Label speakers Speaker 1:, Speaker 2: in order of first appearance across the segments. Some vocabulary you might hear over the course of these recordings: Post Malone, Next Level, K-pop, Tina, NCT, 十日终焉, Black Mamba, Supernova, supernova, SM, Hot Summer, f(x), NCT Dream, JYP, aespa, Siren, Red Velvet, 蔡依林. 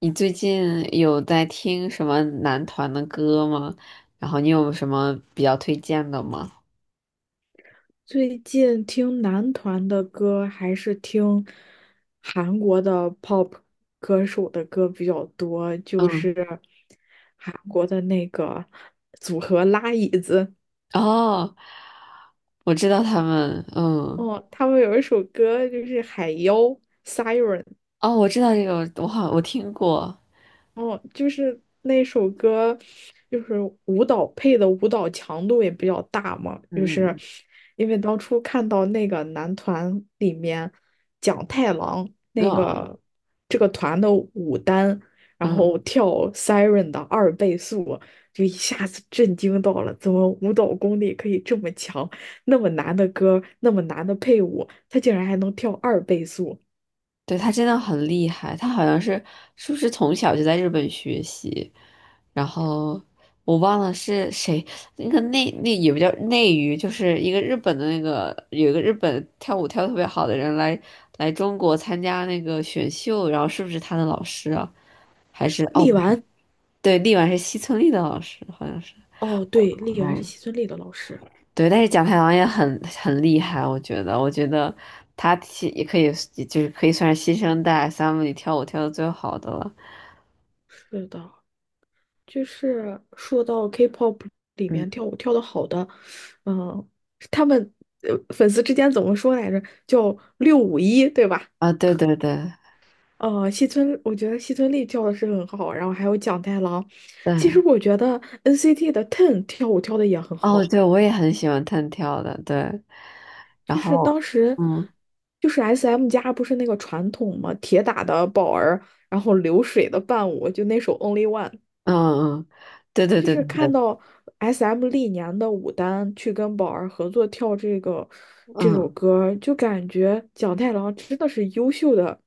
Speaker 1: 你最近有在听什么男团的歌吗？然后你有什么比较推荐的吗？
Speaker 2: 最近听男团的歌还是听韩国的 pop 歌手的歌比较多，就是
Speaker 1: 嗯。
Speaker 2: 韩国的那个组合拉椅子。
Speaker 1: 哦，我知道他们，嗯。
Speaker 2: 哦，他们有一首歌就是《海妖》Siren。
Speaker 1: 哦，我知道这个，我听过。
Speaker 2: 哦，就是那首歌，就是舞蹈配的舞蹈强度也比较大嘛，就是
Speaker 1: 嗯
Speaker 2: 因为当初看到那个男团里面蒋太郎
Speaker 1: 嗯
Speaker 2: 那
Speaker 1: 嗯，
Speaker 2: 个这个团的舞担，然
Speaker 1: 嗯
Speaker 2: 后
Speaker 1: 嗯。
Speaker 2: 跳 Siren 的二倍速，就一下子震惊到了，怎么舞蹈功力可以这么强？那么难的歌，那么难的配舞，他竟然还能跳二倍速。
Speaker 1: 对，他真的很厉害，他好像是不是从小就在日本学习，然后我忘了是谁，那个内那也不叫内娱，就是一个日本的那个有一个日本跳舞跳得特别好的人来中国参加那个选秀，然后是不是他的老师啊？还是哦
Speaker 2: 力
Speaker 1: 不是，
Speaker 2: 丸，
Speaker 1: 对，力丸是西村力的老师，好像是。
Speaker 2: 哦，对，力丸是
Speaker 1: 嗯，
Speaker 2: 西村力的老师，
Speaker 1: 对，但是蒋太郎也很厉害，我觉得他其也可以，就是可以算是新生代 SM 里跳舞跳的最好的了。
Speaker 2: 是的。就是说到 K-pop 里
Speaker 1: 嗯，
Speaker 2: 面跳舞跳的好的，嗯，他们粉丝之间怎么说来着？叫651，对吧？
Speaker 1: 啊，对对对
Speaker 2: 西村，我觉得西村丽跳的是很好，然后还有蒋太郎。
Speaker 1: 对。
Speaker 2: 其实我觉得 NCT 的 TEN 跳舞跳的也很
Speaker 1: 哦，
Speaker 2: 好，
Speaker 1: 对，我也很喜欢弹跳的，对。然
Speaker 2: 就是
Speaker 1: 后，
Speaker 2: 当时
Speaker 1: 嗯
Speaker 2: 就是 SM 家不是那个传统嘛，铁打的宝儿，然后流水的伴舞，就那首 Only One。
Speaker 1: 嗯嗯，对对
Speaker 2: 就
Speaker 1: 对
Speaker 2: 是
Speaker 1: 对
Speaker 2: 看
Speaker 1: 对，
Speaker 2: 到 SM 历年的舞担去跟宝儿合作跳这个这首
Speaker 1: 嗯
Speaker 2: 歌，就感觉蒋太郎真的是优秀的，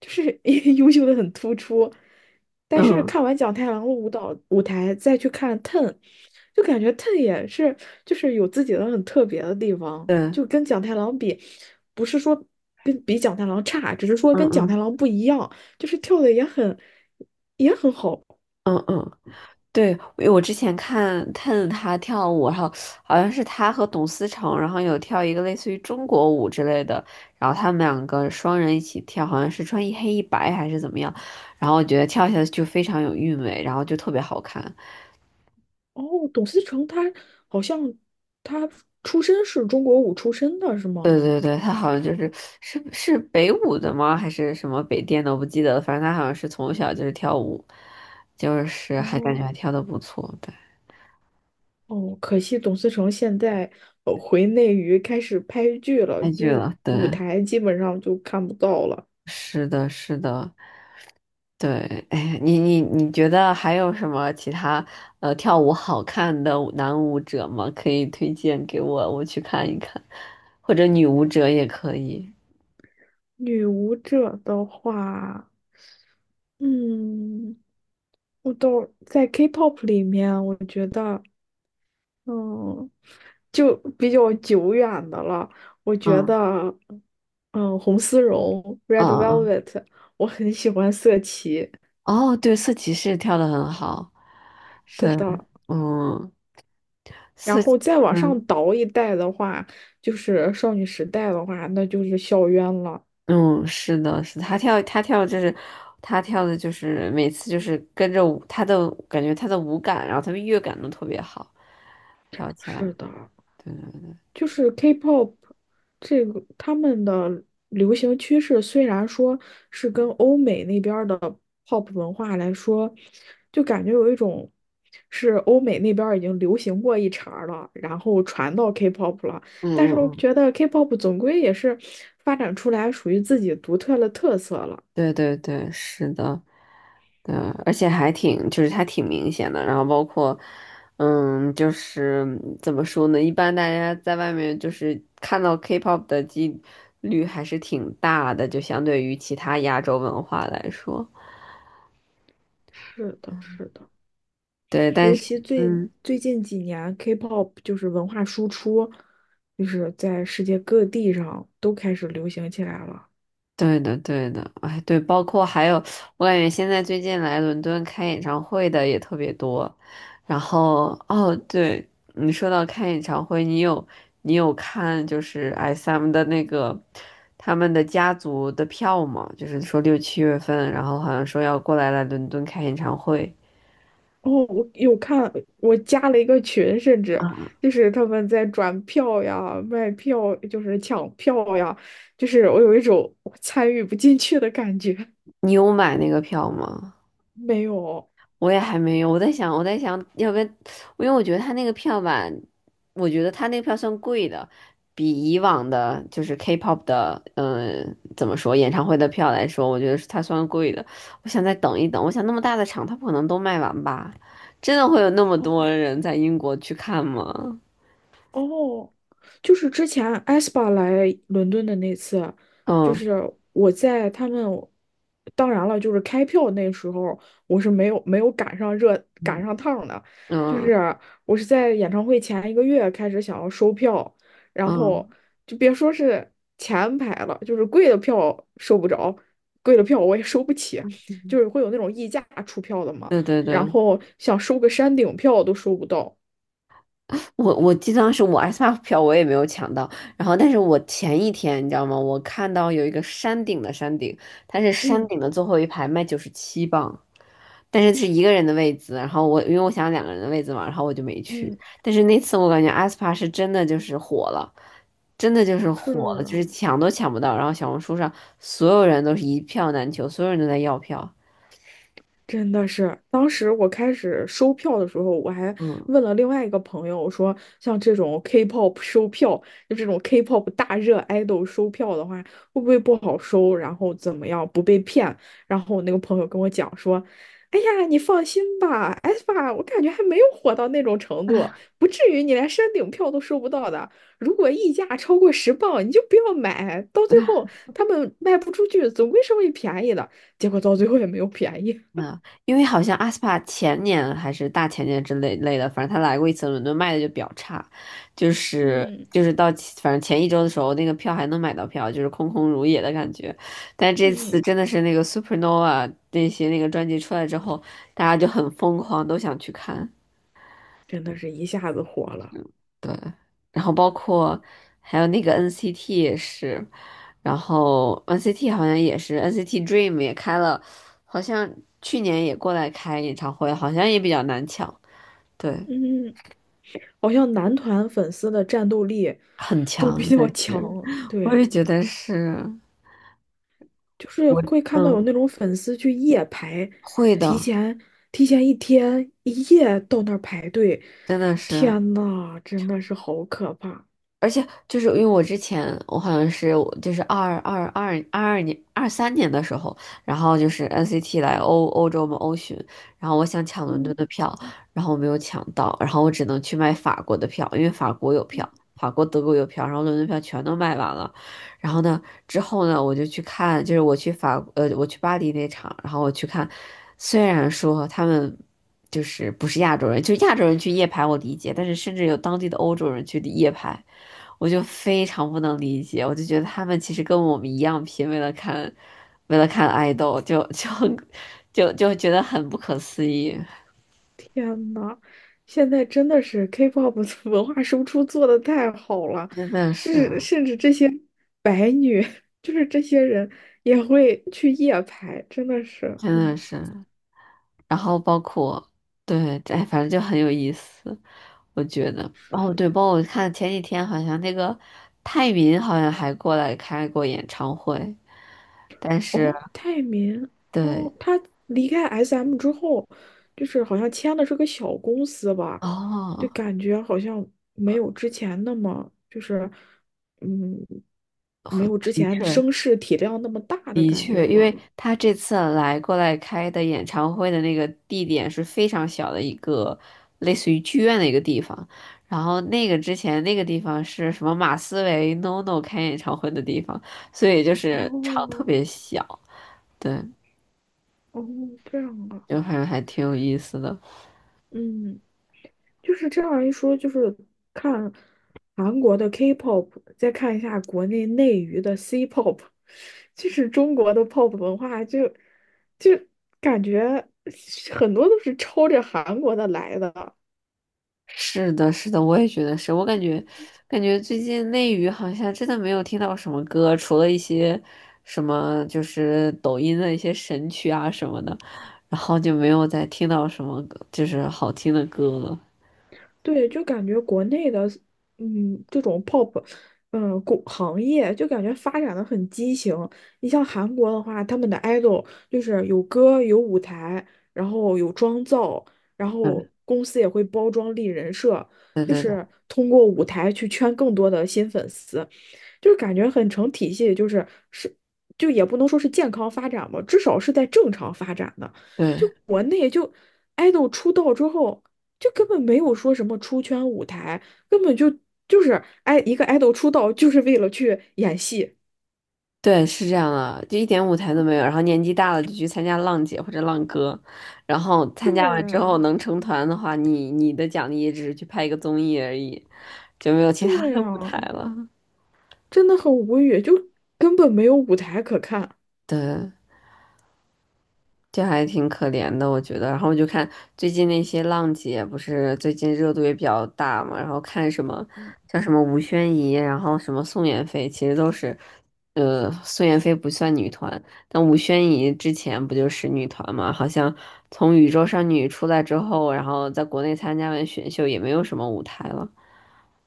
Speaker 2: 就是 优秀的很突出。但是
Speaker 1: 嗯
Speaker 2: 看完蒋太郎的舞蹈舞台，再去看 TEN，就感觉 TEN 也是就是有自己的很特别的地方，
Speaker 1: 对，
Speaker 2: 就跟蒋太郎比，不是说比蒋太郎差，只是说
Speaker 1: 嗯
Speaker 2: 跟蒋太
Speaker 1: 嗯
Speaker 2: 郎不一样，就是跳的也很好。
Speaker 1: 嗯嗯。对，因为我之前看看他跳舞，然后好像是他和董思成，然后有跳一个类似于中国舞之类的，然后他们两个双人一起跳，好像是穿一黑一白还是怎么样，然后我觉得跳起来就非常有韵味，然后就特别好看。
Speaker 2: 哦，董思成他好像他出身是中国舞出身的，是吗？
Speaker 1: 对对对，他好像就是是北舞的吗？还是什么北电的？我不记得了。反正他好像是从小就是跳舞，就是还感觉
Speaker 2: 哦
Speaker 1: 还跳的不错。对。
Speaker 2: 哦，可惜董思成现在回内娱开始拍剧了，
Speaker 1: 开剧
Speaker 2: 就
Speaker 1: 了。对，
Speaker 2: 舞台基本上就看不到了。
Speaker 1: 是的，是的，对。哎，你觉得还有什么其他跳舞好看的舞男舞者吗？可以推荐给我，我去看一看，或者女舞者也可以。
Speaker 2: 女舞者的话，嗯，我都在 K-pop 里面，我觉得。嗯，就比较久远的了。我觉
Speaker 1: 嗯
Speaker 2: 得，红丝绒
Speaker 1: 嗯
Speaker 2: （Red
Speaker 1: 嗯嗯。
Speaker 2: Velvet），我很喜欢色琪。
Speaker 1: 哦，对，色骑士跳的很好。
Speaker 2: 是
Speaker 1: 对，
Speaker 2: 的，
Speaker 1: 嗯，
Speaker 2: 然
Speaker 1: 色。
Speaker 2: 后再往上
Speaker 1: 嗯。
Speaker 2: 倒一代的话，就是少女时代的话，那就是校园了。
Speaker 1: 嗯，是的，是的，他跳就是他跳的，就是每次就是跟着舞他的感觉他的舞感，然后他的乐感都特别好，跳起来，
Speaker 2: 是的，
Speaker 1: 对，嗯
Speaker 2: 就是 K-pop 这个他们的流行趋势，虽然说是跟欧美那边儿的 pop 文化来说，就感觉有一种是欧美那边儿已经流行过一茬儿了，然后传到 K-pop 了。但是
Speaker 1: 嗯
Speaker 2: 我
Speaker 1: 嗯，
Speaker 2: 觉得 K-pop 总归也是发展出来属于自己独特的特色了。
Speaker 1: 对对对，是的，对。而且还挺就是他挺明显的，然后包括就是怎么说呢，一般大家在外面就是看到 K-pop 的几率还是挺大的，就相对于其他亚洲文化来说，
Speaker 2: 是的，是的。
Speaker 1: 对，但
Speaker 2: 尤
Speaker 1: 是。
Speaker 2: 其最
Speaker 1: 嗯。
Speaker 2: 最近几年，K-pop 就是文化输出，就是在世界各地上都开始流行起来了。
Speaker 1: 对的，对的，哎，对，包括还有，我感觉现在最近来伦敦开演唱会的也特别多。然后，哦，对，你说到开演唱会，你有看就是 SM 的那个他们的家族的票吗？就是说六七月份，然后好像说要过来伦敦开演唱会。
Speaker 2: 哦，我有看，我加了一个群，甚至
Speaker 1: 啊，
Speaker 2: 就是他们在转票呀、卖票，就是抢票呀，就是我有一种我参与不进去的感觉。
Speaker 1: 你有买那个票吗？
Speaker 2: 没有，
Speaker 1: 我也还没有，我在想要不要，因为我觉得他那个票吧，我觉得他那个票算贵的，比以往的就是 K-pop 的，怎么说，演唱会的票来说，我觉得是他算贵的。我想再等一等，我想那么大的场，他不可能都卖完吧？真的会有那么
Speaker 2: 哦，
Speaker 1: 多人在英国去看吗？
Speaker 2: 哦，就是之前 aespa 来伦敦的那次，就
Speaker 1: 嗯
Speaker 2: 是我在他们，当然了，就是开票那时候我是没有赶上趟的，就是
Speaker 1: 嗯
Speaker 2: 我是在演唱会前一个月开始想要收票，然后
Speaker 1: 嗯
Speaker 2: 就别说是前排了，就是贵的票收不着，贵的票我也收不起，
Speaker 1: 嗯，
Speaker 2: 就是会有那种溢价出票的嘛，
Speaker 1: 对对
Speaker 2: 然
Speaker 1: 对，
Speaker 2: 后想收个山顶票都收不到，
Speaker 1: 我记得当时我 S M F 票我也没有抢到，然后但是我前一天你知道吗？我看到有一个山顶的山顶，它是山
Speaker 2: 嗯
Speaker 1: 顶的最后一排卖九十七磅，但是是一个人的位子，然后我因为我想两个人的位子嘛，然后我就没去。
Speaker 2: 嗯。
Speaker 1: 但是那次我感觉 aespa 是真的就是火了，真的就是
Speaker 2: 是
Speaker 1: 火了，就
Speaker 2: 啊。
Speaker 1: 是抢都抢不到，然后小红书上所有人都是一票难求，所有人都在要票。
Speaker 2: 真的是，当时我开始收票的时候，我还
Speaker 1: 嗯。
Speaker 2: 问了另外一个朋友，我说像这种 K-pop 收票，就这种 K-pop 大热 idol 收票的话，会不会不好收？然后怎么样不被骗？然后我那个朋友跟我讲说，哎呀，你放心吧 s p 我感觉还没有火到那种程度，不至于你连山顶票都收不到的。如果溢价超过10磅，你就不要买，到最后他们卖不出去，总归是会便宜的。结果到最后也没有便宜。
Speaker 1: 嗯，因为好像阿斯帕前年还是大前年之类的，反正他来过一次伦敦，卖的就比较差，就是
Speaker 2: 嗯
Speaker 1: 就是到其反正前一周的时候，那个票还能买到票，就是空空如也的感觉。但这次
Speaker 2: 嗯
Speaker 1: 真的是那个 Supernova 那些那个专辑出来之后，大家就很疯狂，都想去看。
Speaker 2: 真的是一下子火了。
Speaker 1: 对，然后包括还有那个 NCT 也是，然后 NCT 好像也是 NCT Dream 也开了，好像去年也过来开演唱会，好像也比较难抢，对，
Speaker 2: 嗯，好像男团粉丝的战斗力
Speaker 1: 很
Speaker 2: 都比
Speaker 1: 强感
Speaker 2: 较
Speaker 1: 觉。
Speaker 2: 强，
Speaker 1: 我
Speaker 2: 对，
Speaker 1: 也觉得是。
Speaker 2: 就是
Speaker 1: 我
Speaker 2: 会看到有
Speaker 1: 嗯
Speaker 2: 那种粉丝去夜排，
Speaker 1: 会
Speaker 2: 提
Speaker 1: 的，
Speaker 2: 前提前一天一夜到那儿排队，
Speaker 1: 真的是。
Speaker 2: 天呐，真的是好可怕。
Speaker 1: 而且就是因为我之前我好像是我就是二二二二二年二三年的时候，然后就是 NCT 来欧洲嘛欧巡，然后我想抢伦敦
Speaker 2: 嗯，
Speaker 1: 的票，然后我没有抢到，然后我只能去买法国的票，因为法国有票，法国德国有票，然后伦敦票全都卖完了。然后呢，之后呢，我就去看，就是我我去巴黎那场，然后我去看，虽然说他们。就是不是亚洲人，就亚洲人去夜排我理解，但是甚至有当地的欧洲人去夜排，我就非常不能理解，我就觉得他们其实跟我们一样拼，为了看，为了看爱豆，就 就觉得很不可思议，
Speaker 2: 天呐，现在真的是 K-pop 的 文化输出做的太好了，
Speaker 1: 真的
Speaker 2: 就
Speaker 1: 是，
Speaker 2: 是甚至这些白女，就是这些人也会去夜排，真的是
Speaker 1: 真
Speaker 2: 很
Speaker 1: 的是。然后包括对，哎，反正就很有意思，我觉得。
Speaker 2: 是
Speaker 1: 哦，
Speaker 2: 的。
Speaker 1: 对，包括我看前几天好像那个泰民好像还过来开过演唱会，但是
Speaker 2: 哦，泰民，
Speaker 1: 对。
Speaker 2: 哦，他离开 SM 之后，就是好像签的是个小公司吧，就
Speaker 1: 哦，
Speaker 2: 感觉好像没有之前那么就是嗯，没有之
Speaker 1: 的
Speaker 2: 前
Speaker 1: 确。
Speaker 2: 声势体量那么大的
Speaker 1: 的
Speaker 2: 感觉
Speaker 1: 确，因
Speaker 2: 了。
Speaker 1: 为他这次来过来开的演唱会的那个地点是非常小的一个，类似于剧院的一个地方。然后那个之前那个地方是什么马思唯 NONO 开演唱会的地方，所以就是场特
Speaker 2: 哦，
Speaker 1: 别小。对，
Speaker 2: 哦，这样啊，
Speaker 1: 就反正还挺有意思的。
Speaker 2: 嗯，就是这样一说，就是看韩国的 K-pop，再看一下国内内娱的 C-pop，就是中国的 pop 文化就感觉很多都是抄着韩国的来的。
Speaker 1: 是的，是的，我也觉得是。我感觉最近内娱好像真的没有听到什么歌，除了一些什么就是抖音的一些神曲啊什么的，然后就没有再听到什么歌就是好听的歌了。
Speaker 2: 对，就感觉国内的，这种 pop,国行业就感觉发展的很畸形。你像韩国的话，他们的 idol 就是有歌、有舞台，然后有妆造，然后
Speaker 1: 对
Speaker 2: 公司也会包装立人设，
Speaker 1: 对
Speaker 2: 就
Speaker 1: 对
Speaker 2: 是通过舞台去圈更多的新粉丝。就感觉很成体系，就是，就也不能说是健康发展吧，至少是在正常发展的。就
Speaker 1: 对
Speaker 2: 国内就 idol 出道之后，就根本没有说什么出圈舞台，根本就是爱一个 idol 出道就是为了去演戏。
Speaker 1: 对，是这样的，就一点舞台都没有。然后年纪大了就去参加浪姐或者浪哥，然后参加完之后
Speaker 2: 对
Speaker 1: 能成团的话，你的奖励也只是去拍一个综艺而已，就没有其他
Speaker 2: 对
Speaker 1: 的舞
Speaker 2: 啊，
Speaker 1: 台了。
Speaker 2: 真的很无语，就根本没有舞台可看。
Speaker 1: 对。这还挺可怜的，我觉得。然后我就看最近那些浪姐，不是最近热度也比较大嘛，然后看什么像什么吴宣仪，然后什么宋妍霏，其实都是，宋妍霏不算女团，但吴宣仪之前不就是女团嘛？好像从宇宙少女出来之后，然后在国内参加完选秀，也没有什么舞台了。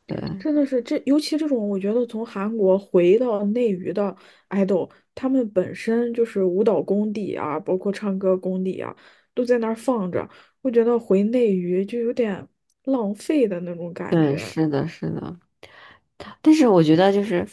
Speaker 1: 对，
Speaker 2: 真的是这，尤其这种，我觉得从韩国回到内娱的 idol，他们本身就是舞蹈功底啊，包括唱歌功底啊，都在那儿放着。我觉得回内娱就有点浪费的那种感
Speaker 1: 对，
Speaker 2: 觉。
Speaker 1: 是的，是的。但是我觉得就是，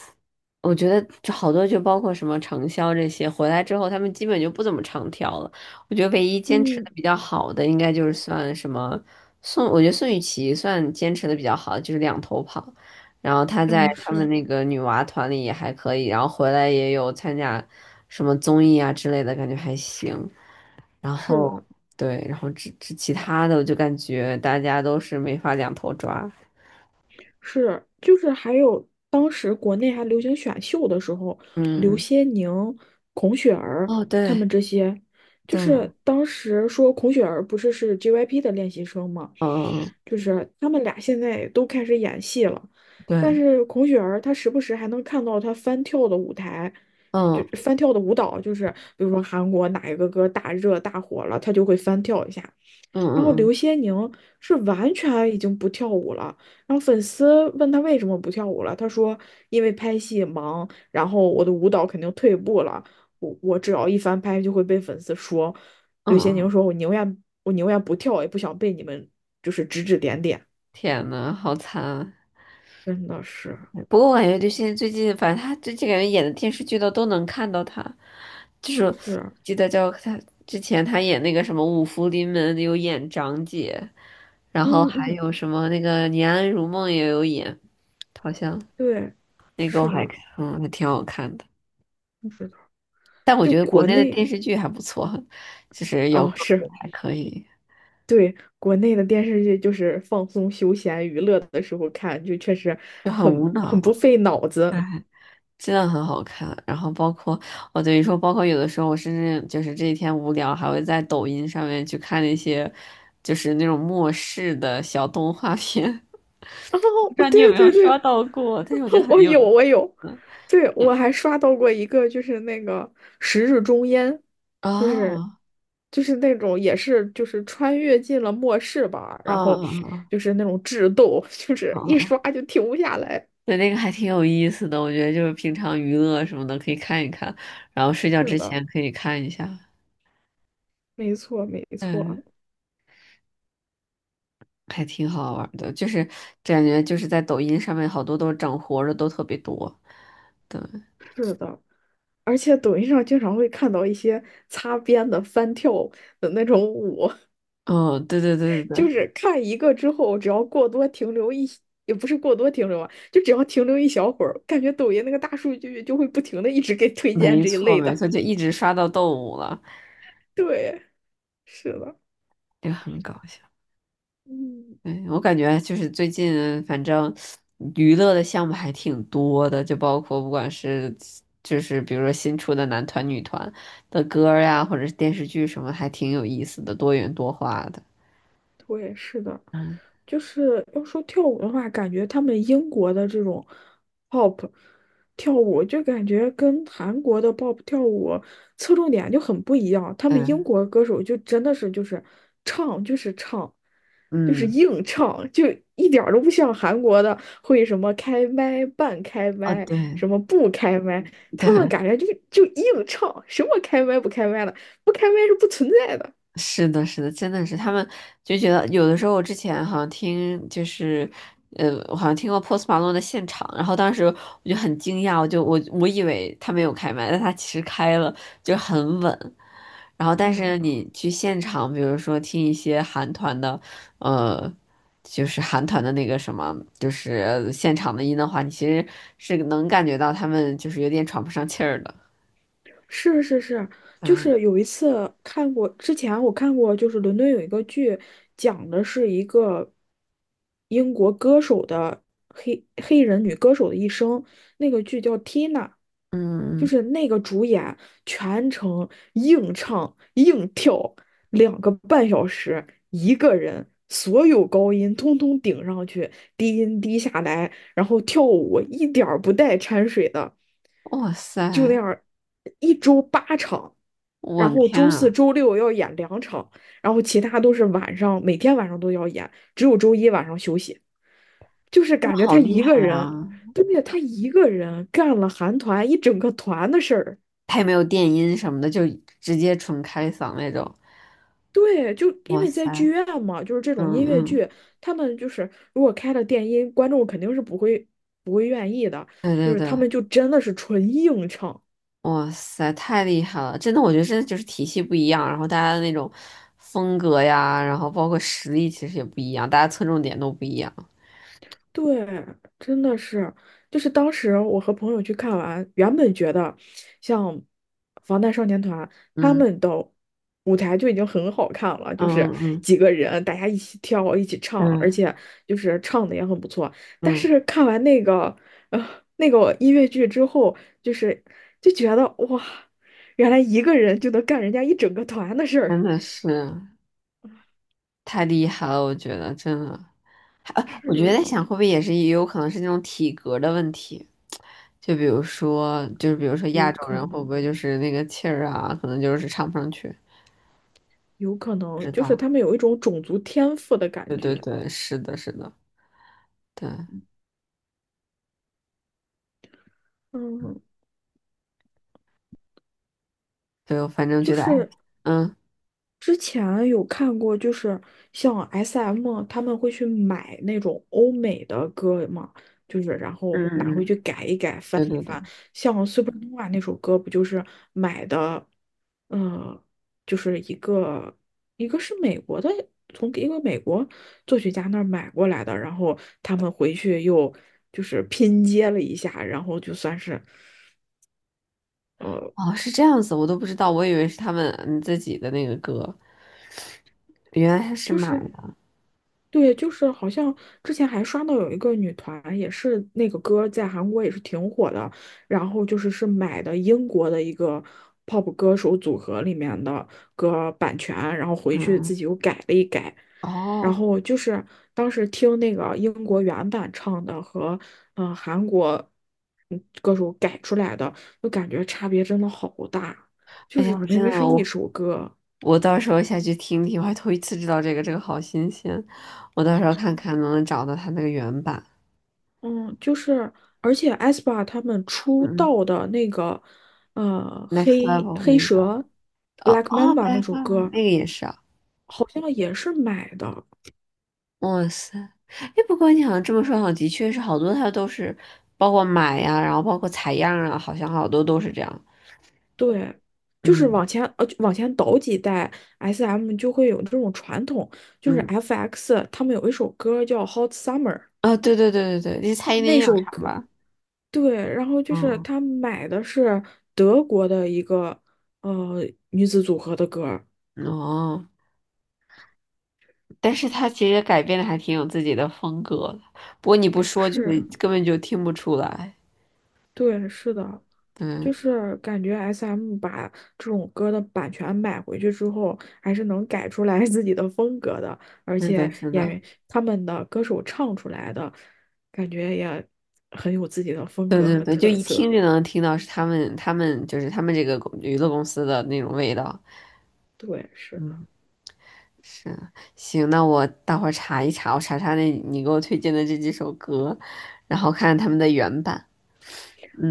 Speaker 1: 我觉得就好多就包括什么长销这些，回来之后他们基本就不怎么长跳了。我觉得唯一坚持
Speaker 2: 嗯，
Speaker 1: 的比较好的，应该就是算什么宋，我觉得宋雨琦算坚持的比较好，的，就是两头跑。然后她在
Speaker 2: 哦，
Speaker 1: 他们的
Speaker 2: 是
Speaker 1: 那个女娃团里也还可以，然后回来也有参加什么综艺啊之类的，感觉还行。然
Speaker 2: 是
Speaker 1: 后
Speaker 2: 的，
Speaker 1: 对，然后这其他的我就感觉大家都是没法两头抓。
Speaker 2: 是就是还有当时国内还流行选秀的时候，刘
Speaker 1: 嗯，
Speaker 2: 些宁、孔雪儿
Speaker 1: 哦，
Speaker 2: 他
Speaker 1: 对。
Speaker 2: 们这些，就
Speaker 1: 对，
Speaker 2: 是当时说孔雪儿不是是 JYP 的练习生吗？
Speaker 1: 嗯，
Speaker 2: 就是他们俩现在都开始演戏了，但
Speaker 1: 对，
Speaker 2: 是孔雪儿她时不时还能看到她翻跳的舞台，就
Speaker 1: 嗯
Speaker 2: 翻跳的舞蹈，就是比如说韩国哪一个歌大热大火了，她就会翻跳一下。
Speaker 1: 嗯
Speaker 2: 然后刘
Speaker 1: 嗯
Speaker 2: 些宁是完全已经不跳舞了。然后粉丝问他为什么不跳舞了，他说因为拍戏忙，然后我的舞蹈肯定退步了，我只要一翻拍就会被粉丝说。
Speaker 1: 嗯
Speaker 2: 刘些宁
Speaker 1: 嗯，
Speaker 2: 说，我宁愿不跳，也不想被你们就是指指点点。
Speaker 1: 天呐，好惨啊！
Speaker 2: 真的是
Speaker 1: 不过我感觉就现在最近，反正他最近感觉演的电视剧都能看到他，就是
Speaker 2: 是啊，
Speaker 1: 记得叫他之前他演那个什么《五福临门》有演长姐，然后
Speaker 2: 嗯
Speaker 1: 还
Speaker 2: 嗯，
Speaker 1: 有什么那个《念安如梦》也有演，好像
Speaker 2: 对，
Speaker 1: 那个我
Speaker 2: 是
Speaker 1: 还
Speaker 2: 的，
Speaker 1: 还挺好看的，
Speaker 2: 是的，
Speaker 1: 但我
Speaker 2: 就
Speaker 1: 觉得国
Speaker 2: 国
Speaker 1: 内的
Speaker 2: 内
Speaker 1: 电视剧还不错，就是有
Speaker 2: 哦，
Speaker 1: 个别
Speaker 2: 是。
Speaker 1: 还可以，
Speaker 2: 对，国内的电视剧就是放松、休闲、娱乐的时候看，就确实
Speaker 1: 就很无
Speaker 2: 很不
Speaker 1: 脑。
Speaker 2: 费脑子。
Speaker 1: 真的很好看。然后包括我等于说，包括有的时候我甚至就是这几天无聊，还会在抖音上面去看那些就是那种末世的小动画片。我不知
Speaker 2: 哦，
Speaker 1: 道你有
Speaker 2: 对
Speaker 1: 没有
Speaker 2: 对
Speaker 1: 刷
Speaker 2: 对，
Speaker 1: 到过，但是我觉得 很
Speaker 2: 我
Speaker 1: 有
Speaker 2: 有
Speaker 1: 意
Speaker 2: 我有，
Speaker 1: 思。
Speaker 2: 对我
Speaker 1: 嗯
Speaker 2: 还刷到过一个，就是那个《十日终焉》，就是
Speaker 1: 哦，
Speaker 2: 就是那种也是就是穿越进了末世吧，
Speaker 1: 嗯
Speaker 2: 然后
Speaker 1: 嗯嗯
Speaker 2: 就是那种智斗，就
Speaker 1: 哦，
Speaker 2: 是一刷
Speaker 1: 嗯
Speaker 2: 就停不下来。
Speaker 1: 对，那个还挺有意思的，我觉得就是平常娱乐什么的可以看一看，然后睡觉
Speaker 2: 是
Speaker 1: 之
Speaker 2: 的，
Speaker 1: 前可以看一下，
Speaker 2: 没错没错，
Speaker 1: 嗯，还挺好玩儿的，就是感觉就是在抖音上面好多都是整活儿的都特别多，对，
Speaker 2: 是的。而且抖音上经常会看到一些擦边的翻跳的那种舞，
Speaker 1: 哦，对对对对 对，
Speaker 2: 就是看一个之后，只要过多停留一，也不是过多停留啊，就只要停留一小会儿，感觉抖音那个大数据就会不停的一直给推荐
Speaker 1: 没
Speaker 2: 这一
Speaker 1: 错
Speaker 2: 类
Speaker 1: 没
Speaker 2: 的。
Speaker 1: 错，就一直刷到动物了，
Speaker 2: 对，是的，
Speaker 1: 这个很搞笑。
Speaker 2: 嗯。
Speaker 1: 对，我感觉就是最近反正娱乐的项目还挺多的，就包括不管是就是比如说新出的男团、女团的歌儿呀，或者是电视剧什么，还挺有意思的，多元多化的。
Speaker 2: 我也是的，
Speaker 1: 嗯
Speaker 2: 就是要说跳舞的话，感觉他们英国的这种 pop 跳舞，就感觉跟韩国的 pop 跳舞侧重点就很不一样。他们英
Speaker 1: 嗯
Speaker 2: 国歌手就真的是就是唱就是唱，就是
Speaker 1: 嗯，
Speaker 2: 硬唱，就一点儿都不像韩国的会什么开麦、半开
Speaker 1: 哦
Speaker 2: 麦、
Speaker 1: 对
Speaker 2: 什么不开麦。他们
Speaker 1: 对，
Speaker 2: 感觉就硬唱，什么开麦不开麦的，不开麦是不存在的。
Speaker 1: 是的，是的，真的是他们就觉得有的时候，我之前好像听就是，我好像听过 Post Malone 的现场，然后当时我就很惊讶，我就我我以为他没有开麦，但他其实开了，就很稳。然后，但
Speaker 2: 天
Speaker 1: 是
Speaker 2: 呐！
Speaker 1: 你去现场，比如说听一些韩团的，呃，就是韩团的那个什么，就是现场的音的话，你其实是能感觉到他们就是有点喘不上气儿的。
Speaker 2: 是是是，就
Speaker 1: 嗯
Speaker 2: 是有一次看过，之前我看过，就是伦敦有一个剧，讲的是一个英国歌手的黑人女歌手的一生，那个剧叫《Tina》。就
Speaker 1: 嗯，
Speaker 2: 是那个主演全程硬唱硬跳2个半小时，一个人所有高音通通顶上去，低音低下来，然后跳舞一点儿不带掺水的，
Speaker 1: 哇
Speaker 2: 就那
Speaker 1: 塞，
Speaker 2: 样一周八场。
Speaker 1: 我
Speaker 2: 然
Speaker 1: 的
Speaker 2: 后
Speaker 1: 天
Speaker 2: 周四
Speaker 1: 啊！
Speaker 2: 周六要演两场，然后其他都是晚上，每天晚上都要演，只有周一晚上休息。就是感觉
Speaker 1: 好
Speaker 2: 他
Speaker 1: 厉
Speaker 2: 一个
Speaker 1: 害啊！
Speaker 2: 人，对，他一个人干了韩团一整个团的事儿。
Speaker 1: 他也没有电音什么的，就直接纯开嗓那种。
Speaker 2: 对，就因
Speaker 1: 哇
Speaker 2: 为在剧
Speaker 1: 塞，
Speaker 2: 院嘛，就是这种音
Speaker 1: 嗯
Speaker 2: 乐
Speaker 1: 嗯，
Speaker 2: 剧，他们就是如果开了电音，观众肯定是不会愿意的，
Speaker 1: 对
Speaker 2: 就
Speaker 1: 对
Speaker 2: 是他
Speaker 1: 对，
Speaker 2: 们就真的是纯硬唱。
Speaker 1: 哇塞，太厉害了！真的，我觉得真的就是体系不一样，然后大家的那种风格呀，然后包括实力其实也不一样，大家侧重点都不一样。
Speaker 2: 对，真的是，就是当时我和朋友去看完，原本觉得像防弹少年团他
Speaker 1: 嗯
Speaker 2: 们的舞台就已经很好看了，
Speaker 1: 嗯
Speaker 2: 就是
Speaker 1: 嗯，
Speaker 2: 几个人大家一起跳、一起唱，而
Speaker 1: 嗯
Speaker 2: 且就是唱的也很不错。但
Speaker 1: 嗯嗯，
Speaker 2: 是看完那个呃那个音乐剧之后，就是就觉得哇，原来一个人就能干人家一整个团的事儿。
Speaker 1: 真 的是太厉害了，我觉得真的。啊，我觉得
Speaker 2: 是
Speaker 1: 在
Speaker 2: 啊，
Speaker 1: 想，会不会也是也有可能是那种体格的问题？就比如说，就是比如说亚
Speaker 2: 有
Speaker 1: 洲
Speaker 2: 可
Speaker 1: 人会不
Speaker 2: 能，
Speaker 1: 会就是那个气儿啊，可能就是唱不上去，
Speaker 2: 有可
Speaker 1: 不
Speaker 2: 能，
Speaker 1: 知
Speaker 2: 就是
Speaker 1: 道。
Speaker 2: 他们有一种种族天赋的感
Speaker 1: 对对
Speaker 2: 觉。
Speaker 1: 对，是的，是的，对，
Speaker 2: 嗯，
Speaker 1: 对，我反正
Speaker 2: 就
Speaker 1: 觉得，哎，
Speaker 2: 是
Speaker 1: 嗯
Speaker 2: 之前有看过，就是像 SM 他们会去买那种欧美的歌嘛，就是然后拿
Speaker 1: 嗯
Speaker 2: 回
Speaker 1: 嗯，
Speaker 2: 去改一改。
Speaker 1: 对对对，
Speaker 2: 像 s u p e r n o 那首歌不就是买的，嗯，就是一个是美国的，从一个美国作曲家那儿买过来的，然后他们回去又就是拼接了一下，然后就算是。呃
Speaker 1: 哦，是这样子，我都不知道，我以为是他们自己的那个歌，原来是
Speaker 2: 就
Speaker 1: 买
Speaker 2: 是
Speaker 1: 的，
Speaker 2: 对，就是好像之前还刷到有一个女团，也是那个歌在韩国也是挺火的，然后就是是买的英国的一个 pop 歌手组合里面的歌版权，然后回去自
Speaker 1: 嗯，
Speaker 2: 己又改了一改，然
Speaker 1: 哦。
Speaker 2: 后就是当时听那个英国原版唱的和韩国歌手改出来的，就感觉差别真的好大，就
Speaker 1: 哎
Speaker 2: 是
Speaker 1: 呀，我
Speaker 2: 明
Speaker 1: 真的
Speaker 2: 明是一
Speaker 1: 我
Speaker 2: 首歌。
Speaker 1: 我到时候下去听听，我还头一次知道这个，这个好新鲜。我到时候看看能不能找到它那个原版。
Speaker 2: 嗯，就是，而且 aespa 他们出
Speaker 1: 嗯
Speaker 2: 道的那个，
Speaker 1: ，Next
Speaker 2: 黑
Speaker 1: Level
Speaker 2: 黑
Speaker 1: 那个，
Speaker 2: 蛇
Speaker 1: 哦
Speaker 2: Black
Speaker 1: 哦
Speaker 2: Mamba 那
Speaker 1: ，Black t
Speaker 2: 首
Speaker 1: l e r 那
Speaker 2: 歌，
Speaker 1: 个也是啊。
Speaker 2: 好像也是买的。
Speaker 1: 哇塞，哎，不过你好像这么说，好像的确是好多它都是，包括买呀、然后包括采样啊，好像好多都是这样。
Speaker 2: 对，就是
Speaker 1: 嗯
Speaker 2: 往前倒几代，SM 就会有这种传统，就是
Speaker 1: 嗯，
Speaker 2: FX 他们有一首歌叫《Hot Summer》。
Speaker 1: 啊、对对对对对，那蔡依林
Speaker 2: 那
Speaker 1: 也有
Speaker 2: 首
Speaker 1: 唱
Speaker 2: 歌
Speaker 1: 吧？
Speaker 2: 对，然后就是
Speaker 1: 嗯
Speaker 2: 他买的是德国的一个呃女子组合的歌儿，
Speaker 1: 哦。但是他其实改编的还挺有自己的风格的，不过你不说就
Speaker 2: 是。
Speaker 1: 是根本就听不出来。
Speaker 2: 对，是的，
Speaker 1: 对，
Speaker 2: 就是感觉 SM 把这种歌的版权买回去之后，还是能改出来 自己的风格的，而
Speaker 1: 是的，
Speaker 2: 且
Speaker 1: 是
Speaker 2: 演
Speaker 1: 的，
Speaker 2: 员他们的歌手唱出来的，感觉也很有自己的风
Speaker 1: 对
Speaker 2: 格
Speaker 1: 对
Speaker 2: 和
Speaker 1: 对，就
Speaker 2: 特
Speaker 1: 一听
Speaker 2: 色。
Speaker 1: 就能听到是他们就是他们这个公娱乐公司的那种味道。
Speaker 2: 对，是的，
Speaker 1: 是，行，那我待会儿查一查，我查查那你给我推荐的这几首歌，然后看看他们的原版。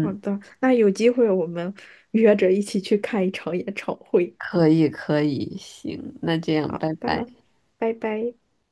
Speaker 2: 好的，那有机会我们约着一起去看一场演唱会。
Speaker 1: 可以可以，行，那这样，拜拜。
Speaker 2: 吧。拜拜。